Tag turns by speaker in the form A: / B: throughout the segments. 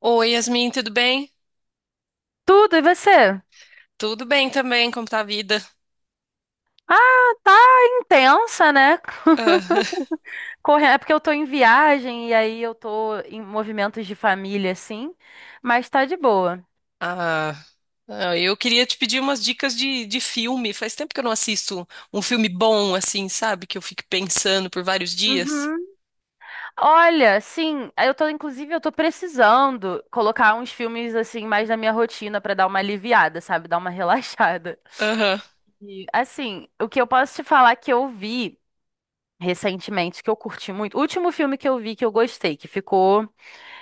A: Oi, Yasmin, tudo bem?
B: Tudo, e você?
A: Tudo bem também, como tá a vida?
B: Ah, tá intensa, né?
A: Ah,
B: Correndo, é porque eu tô em viagem e aí eu tô em movimentos de família, assim, mas tá de boa.
A: ah, ah, eu queria te pedir umas dicas de filme. Faz tempo que eu não assisto um filme bom, assim, sabe? Que eu fique pensando por vários dias.
B: Uhum. Olha, sim, eu tô, inclusive, eu tô precisando colocar uns filmes, assim, mais na minha rotina pra dar uma aliviada, sabe? Dar uma relaxada.
A: Aham.
B: E, assim, o que eu posso te falar que eu vi recentemente, que eu curti muito, o último filme que eu vi que eu gostei, que ficou,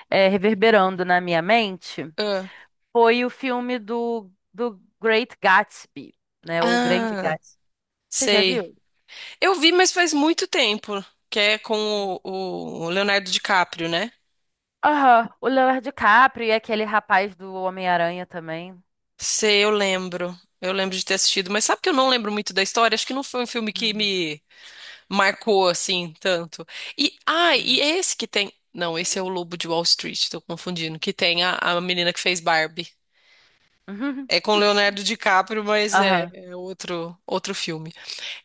B: reverberando na minha mente.
A: Ah.
B: Foi o filme do Great Gatsby, né? Ou Grande
A: Ah,
B: Gatsby. Você já
A: sei.
B: viu?
A: Eu vi, mas faz muito tempo, que é com o Leonardo DiCaprio, né?
B: Aham. O Leonardo DiCaprio e aquele rapaz do Homem-Aranha também.
A: Sei, eu lembro. Eu lembro de ter assistido, mas sabe que eu não lembro muito da história? Acho que não foi um filme que
B: Uhum.
A: me marcou assim tanto. E
B: Uhum.
A: é esse que tem. Não, esse
B: E-
A: é o Lobo de Wall Street, tô confundindo. Que tem a menina que fez Barbie.
B: Uhum.
A: É com Leonardo DiCaprio, mas é,
B: Aham.
A: é outro filme.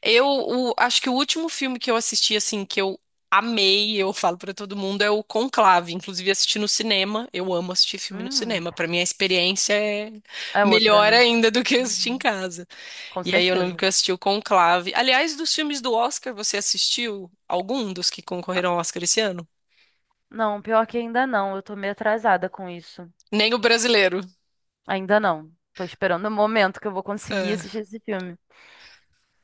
A: Acho que o último filme que eu assisti assim que eu amei, eu falo pra todo mundo, é o Conclave. Inclusive assisti no cinema. Eu amo assistir filme no
B: Hum,
A: cinema. Pra mim a experiência é
B: é outra,
A: melhor
B: né?
A: ainda do que assistir em
B: Uhum.
A: casa.
B: Com
A: E aí eu lembro
B: certeza.
A: que eu assisti o Conclave. Aliás, dos filmes do Oscar, você assistiu algum dos que concorreram ao Oscar esse ano?
B: Não, pior que ainda não. Eu tô meio atrasada com isso.
A: Nem o brasileiro.
B: Ainda não. Tô esperando o momento que eu vou conseguir
A: É.
B: assistir esse filme.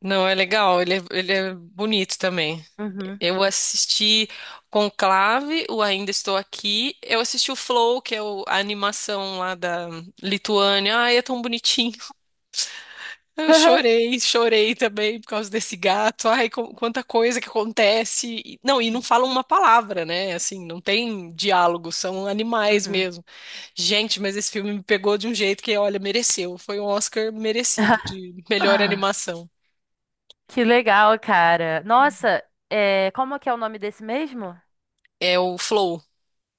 A: Não, é legal, ele é bonito também.
B: Uhum.
A: Eu assisti Conclave, o Ainda Estou Aqui. Eu assisti o Flow, que é a animação lá da Lituânia. Ai, é tão bonitinho. Eu chorei, chorei também por causa desse gato. Ai, quanta coisa que acontece. Não, e não falam uma palavra, né? Assim, não tem diálogo, são animais
B: Uhum.
A: mesmo. Gente, mas esse filme me pegou de um jeito que, olha, mereceu. Foi um Oscar merecido de melhor animação.
B: Que legal, cara. Nossa, é, como que é o nome desse mesmo?
A: É o Flow.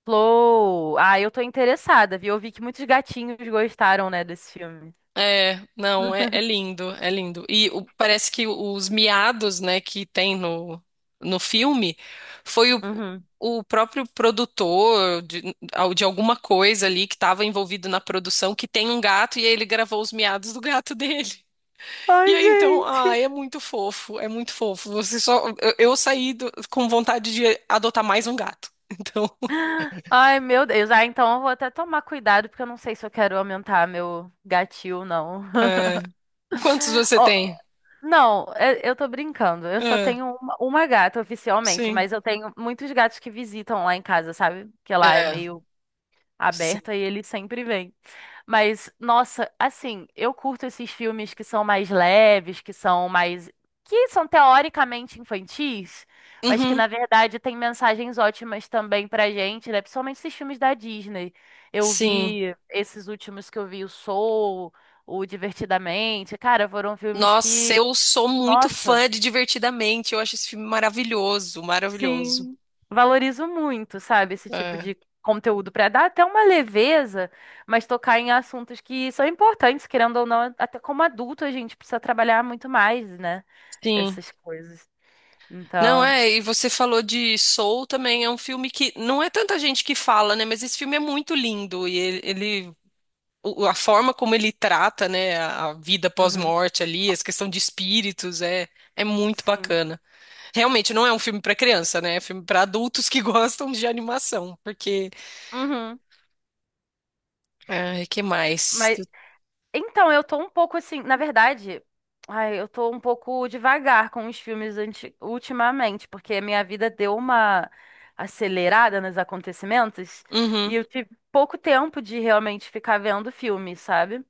B: Flow. Ah, eu tô interessada, viu? Eu vi que muitos gatinhos gostaram, né, desse filme.
A: É, não, é, é lindo, é lindo. E parece que os miados, né, que tem no, no filme foi o,
B: Uhum.
A: o próprio produtor de alguma coisa ali que estava envolvido na produção que tem um gato e ele gravou os miados do gato dele. E
B: Ai,
A: aí então,
B: gente.
A: ai, é muito fofo, é muito fofo. Você só, eu saí com vontade de adotar mais um gato. Então,
B: Ai, meu Deus. Ah, então eu vou até tomar cuidado, porque eu não sei se eu quero aumentar meu gatil, ou não.
A: é, quantos você
B: Ó,
A: tem?
B: não, é- eu tô brincando. Eu só
A: É,
B: tenho uma gata oficialmente,
A: sim.
B: mas eu tenho muitos gatos que visitam lá em casa, sabe? Porque lá é
A: É,
B: meio
A: sim.
B: aberta e ele sempre vem. Mas, nossa, assim, eu curto esses filmes que são mais leves, que são mais. Que são teoricamente infantis, mas que
A: Uhum,
B: na verdade têm mensagens ótimas também pra gente, né? Principalmente esses filmes da Disney. Eu
A: sim.
B: vi esses últimos que eu vi, o Soul, o Divertidamente. Cara, foram filmes
A: Nossa,
B: que.
A: eu sou muito
B: Nossa.
A: fã de Divertidamente. Eu acho esse filme maravilhoso, maravilhoso.
B: Sim, valorizo muito, sabe, esse tipo
A: É.
B: de conteúdo para dar até uma leveza, mas tocar em assuntos que são importantes, querendo ou não, até como adulto a gente precisa trabalhar muito mais, né?
A: Sim.
B: Essas coisas.
A: Não,
B: Então,
A: é, e você falou de Soul também, é um filme que não é tanta gente que fala, né? Mas esse filme é muito lindo e a forma como ele trata, né, a vida
B: uhum,
A: pós-morte ali, essa questão de espíritos, é, é muito
B: sim.
A: bacana. Realmente não é um filme para criança, né? É filme para adultos que gostam de animação, porque,
B: Uhum.
A: ai, que mais?
B: Mas então, eu tô um pouco assim, na verdade, ai, eu tô um pouco devagar com os filmes anti- ultimamente, porque a minha vida deu uma acelerada nos acontecimentos e
A: Uhum.
B: eu tive pouco tempo de realmente ficar vendo filme, sabe?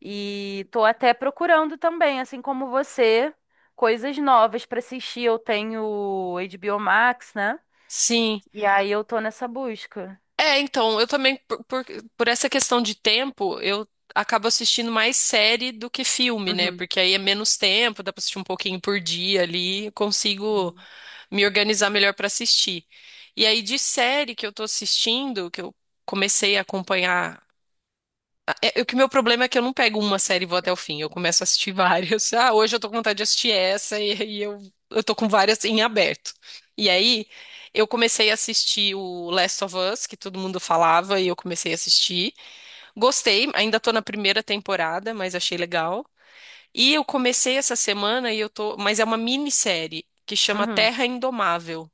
B: E tô até procurando também, assim como você, coisas novas pra assistir. Eu tenho HBO Max, né?
A: Sim.
B: E aí eu tô nessa busca.
A: É, então, eu também, por essa questão de tempo, eu acabo assistindo mais série do que filme, né?
B: Uhum.
A: Porque aí é menos tempo, dá pra assistir um pouquinho por dia ali, consigo
B: Uhum.
A: me organizar melhor pra assistir. E aí, de série que eu tô assistindo, que eu comecei a acompanhar o que meu problema é que eu não pego uma série e vou até o fim. Eu começo a assistir várias. Ah, hoje eu tô com vontade de assistir essa, eu tô com várias em aberto. E aí, eu comecei a assistir o Last of Us, que todo mundo falava, e eu comecei a assistir. Gostei, ainda tô na primeira temporada, mas achei legal. E eu comecei essa semana e eu tô, mas é uma minissérie que chama
B: Uhum.
A: Terra Indomável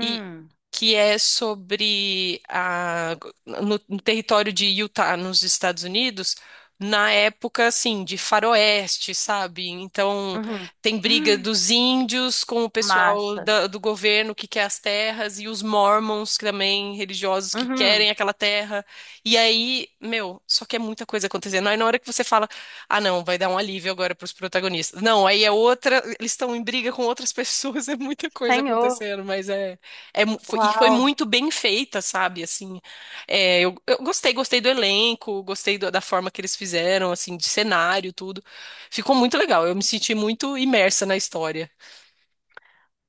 A: e que é sobre a, no território de Utah, nos Estados Unidos, na época assim de faroeste, sabe? Então
B: Uhum.
A: tem briga
B: Hum.
A: dos índios com o pessoal
B: Massa.
A: do governo que quer as terras e os mormons que também religiosos que
B: Uhum.
A: querem aquela terra. E aí, meu, só que é muita coisa acontecendo. Aí na hora que você fala, ah, não, vai dar um alívio agora para os protagonistas. Não, aí é outra, eles estão em briga com outras pessoas, é muita coisa
B: Senhor.
A: acontecendo, mas foi
B: Uau.
A: muito bem feita, sabe? Assim, é, eu gostei, gostei do elenco, gostei da forma que eles fizeram, assim, de cenário, tudo. Ficou muito legal. Eu me senti muito imersa na história.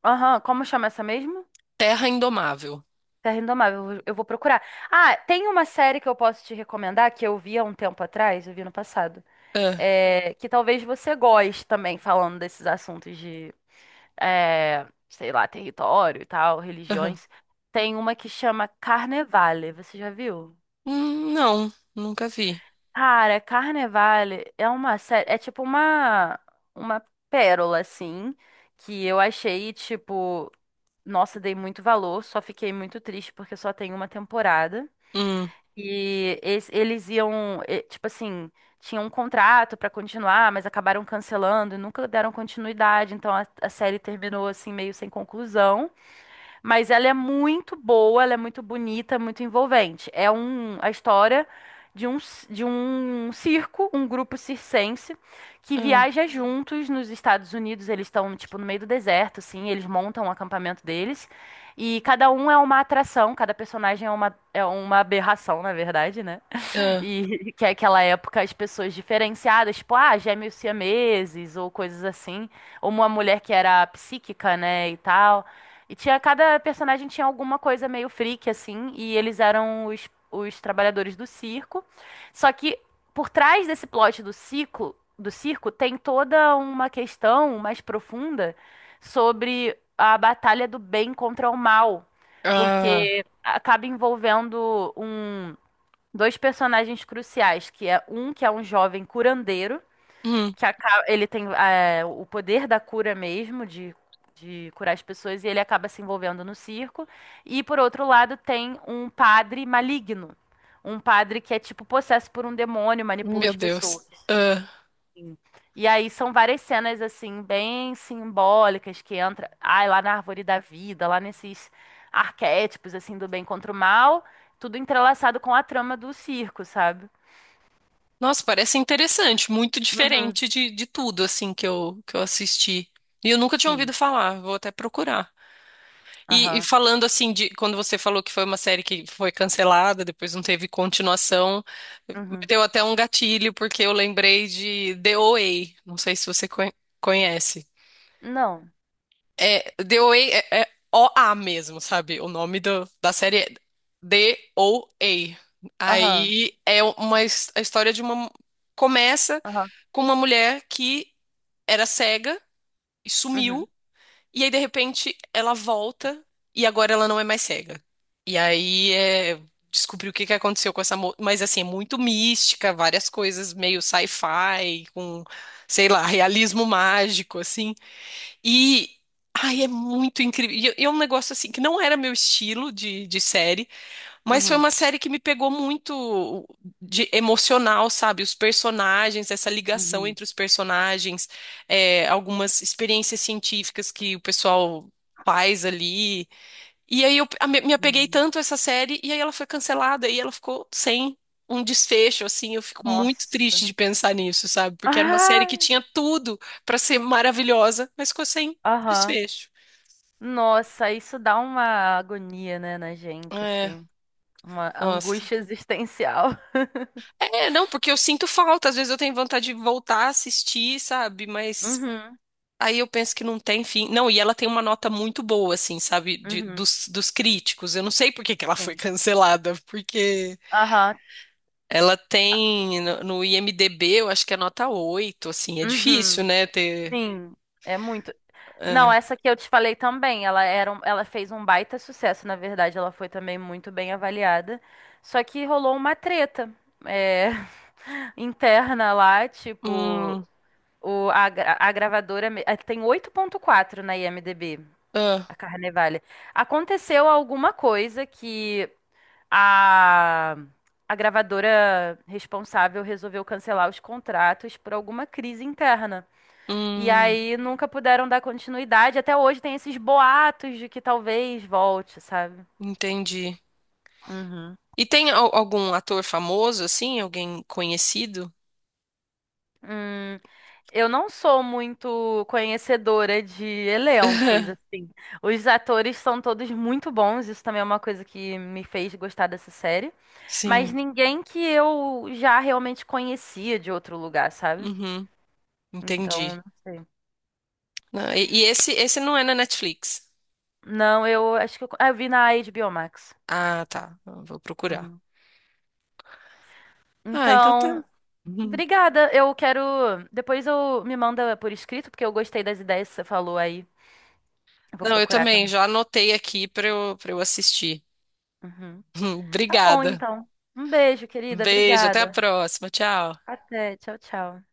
B: Aham. Como chama essa mesmo?
A: Terra Indomável.
B: Terra Indomável. Eu vou procurar. Ah, tem uma série que eu posso te recomendar que eu vi há um tempo atrás, eu vi no passado.
A: Ah,
B: É, que talvez você goste também, falando desses assuntos de, é, sei lá, território e tal,
A: aham.
B: religiões. Tem uma que chama Carnevale. Você já viu?
A: Não, nunca vi.
B: Cara, Carnevale é uma série, é tipo uma pérola assim, que eu achei tipo nossa, dei muito valor, só fiquei muito triste porque só tem uma temporada.
A: Hum,
B: E es- eles iam, eh, tipo assim, tinham um contrato pra continuar, mas acabaram cancelando e nunca deram continuidade. Então a série terminou assim meio sem conclusão. Mas ela é muito boa, ela é muito bonita, muito envolvente. É um, a história de um, c- de um circo, um grupo circense, que
A: ah,
B: viaja juntos nos Estados Unidos. Eles estão, tipo, no meio do deserto, assim, eles montam o acampamento deles. E cada um é uma atração, cada personagem é uma aberração, na verdade, né?
A: ah,
B: E que é aquela época as pessoas diferenciadas, tipo, ah, gêmeos siameses ou coisas assim, ou uma mulher que era psíquica, né, e tal. E tinha cada personagem tinha alguma coisa meio freak assim, e eles eram os trabalhadores do circo. Só que por trás desse plot do ciclo, do circo tem toda uma questão mais profunda sobre a batalha do bem contra o mal,
A: ah,
B: porque acaba envolvendo um dois personagens cruciais, que é um jovem curandeiro,
A: hum,
B: que aca- ele tem é, o poder da cura mesmo, de curar as pessoas, e ele acaba se envolvendo no circo. E por outro lado, tem um padre maligno. Um padre que é tipo possesso por um demônio, manipula
A: meu
B: as
A: Deus.
B: pessoas.
A: Ah.
B: E aí são várias cenas assim, bem simbólicas, que entra, ai, lá na árvore da vida, lá nesses arquétipos assim do bem contra o mal, tudo entrelaçado com a trama do circo, sabe?
A: Nossa, parece interessante, muito
B: Uhum.
A: diferente de tudo, assim, que eu assisti. E eu nunca tinha ouvido
B: Sim.
A: falar, vou até procurar. E
B: Aham.
A: falando assim de quando você falou que foi uma série que foi cancelada, depois não teve continuação, me
B: Uhum.
A: deu até um gatilho porque eu lembrei de The OA. Não sei se você conhe- conhece.
B: Não.
A: É, The OA é OA mesmo, sabe? O nome da série é The OA.
B: Aham.
A: Aí é uma his- A história de uma começa
B: Aham.
A: com uma mulher que era cega e
B: Uhum.
A: sumiu. E aí, de repente, ela volta e agora ela não é mais cega. E aí é descobrir o que que aconteceu com essa moça. Mas assim, é muito mística, várias coisas meio sci-fi, com, sei lá, realismo mágico, assim. E. Ai, é muito incrível. E é um negócio assim que não era meu estilo de série, mas foi
B: Uhum.
A: uma série que me pegou muito de emocional, sabe? Os personagens, essa ligação
B: Uhum.
A: entre os personagens, é, algumas experiências científicas que o pessoal faz ali. E aí eu me apeguei
B: Uhum.
A: tanto a essa série e aí ela foi cancelada e ela ficou sem um desfecho, assim. Eu fico muito triste
B: Nossa.
A: de pensar nisso, sabe? Porque era uma série que
B: Ah!
A: tinha tudo pra ser maravilhosa, mas ficou sem
B: Aham.
A: desfecho.
B: Nossa, isso dá uma agonia, né, na gente,
A: É,
B: assim. Uma
A: nossa.
B: angústia existencial.
A: É, não, porque eu sinto falta, às vezes eu tenho vontade de voltar a assistir, sabe? Mas
B: Uhum.
A: aí eu penso que não tem fim. Não, e ela tem uma nota muito boa, assim, sabe?
B: Uhum.
A: Dos críticos. Eu não sei por que que ela foi
B: Sim.
A: cancelada, porque
B: Aham.
A: ela tem no IMDb, eu acho que é nota 8 assim, é difícil,
B: Uhum.
A: né? Ter.
B: Sim. É muito não,
A: É.
B: essa que eu te falei também, ela era um- ela fez um baita sucesso, na verdade, ela foi também muito bem avaliada. Só que rolou uma treta é, interna lá, tipo,
A: Hum,
B: o, a, gra- a gravadora me- eh, tem 8.4 na IMDb,
A: ah,
B: a Carnevale. Aconteceu alguma coisa que a, a gravadora responsável resolveu cancelar os contratos por alguma crise interna. E
A: hum,
B: aí nunca puderam dar continuidade. Até hoje tem esses boatos de que talvez volte, sabe?
A: entendi.
B: Uhum.
A: E tem algum ator famoso, assim? Alguém conhecido?
B: Hum, eu não sou muito conhecedora de elencos, assim. Os atores são todos muito bons, isso também é uma coisa que me fez gostar dessa série. Mas
A: Sim.
B: ninguém que eu já realmente conhecia de outro lugar, sabe?
A: Uhum,
B: Então,
A: entendi.
B: não sei.
A: Não, e esse, esse não é na Netflix.
B: Não, eu acho que eu, ah, eu vi na HBO Max.
A: Ah, tá. Eu vou procurar.
B: Uhum.
A: Ah, então tá.
B: Então,
A: Uhum.
B: obrigada. Eu quero. Depois eu me manda por escrito, porque eu gostei das ideias que você falou aí. Eu vou
A: Não, eu
B: procurar
A: também
B: também.
A: já anotei aqui para eu assistir.
B: Uhum. Tá bom,
A: Obrigada.
B: então. Um beijo, querida.
A: Beijo, até a
B: Obrigada.
A: próxima. Tchau.
B: Até. Tchau, tchau.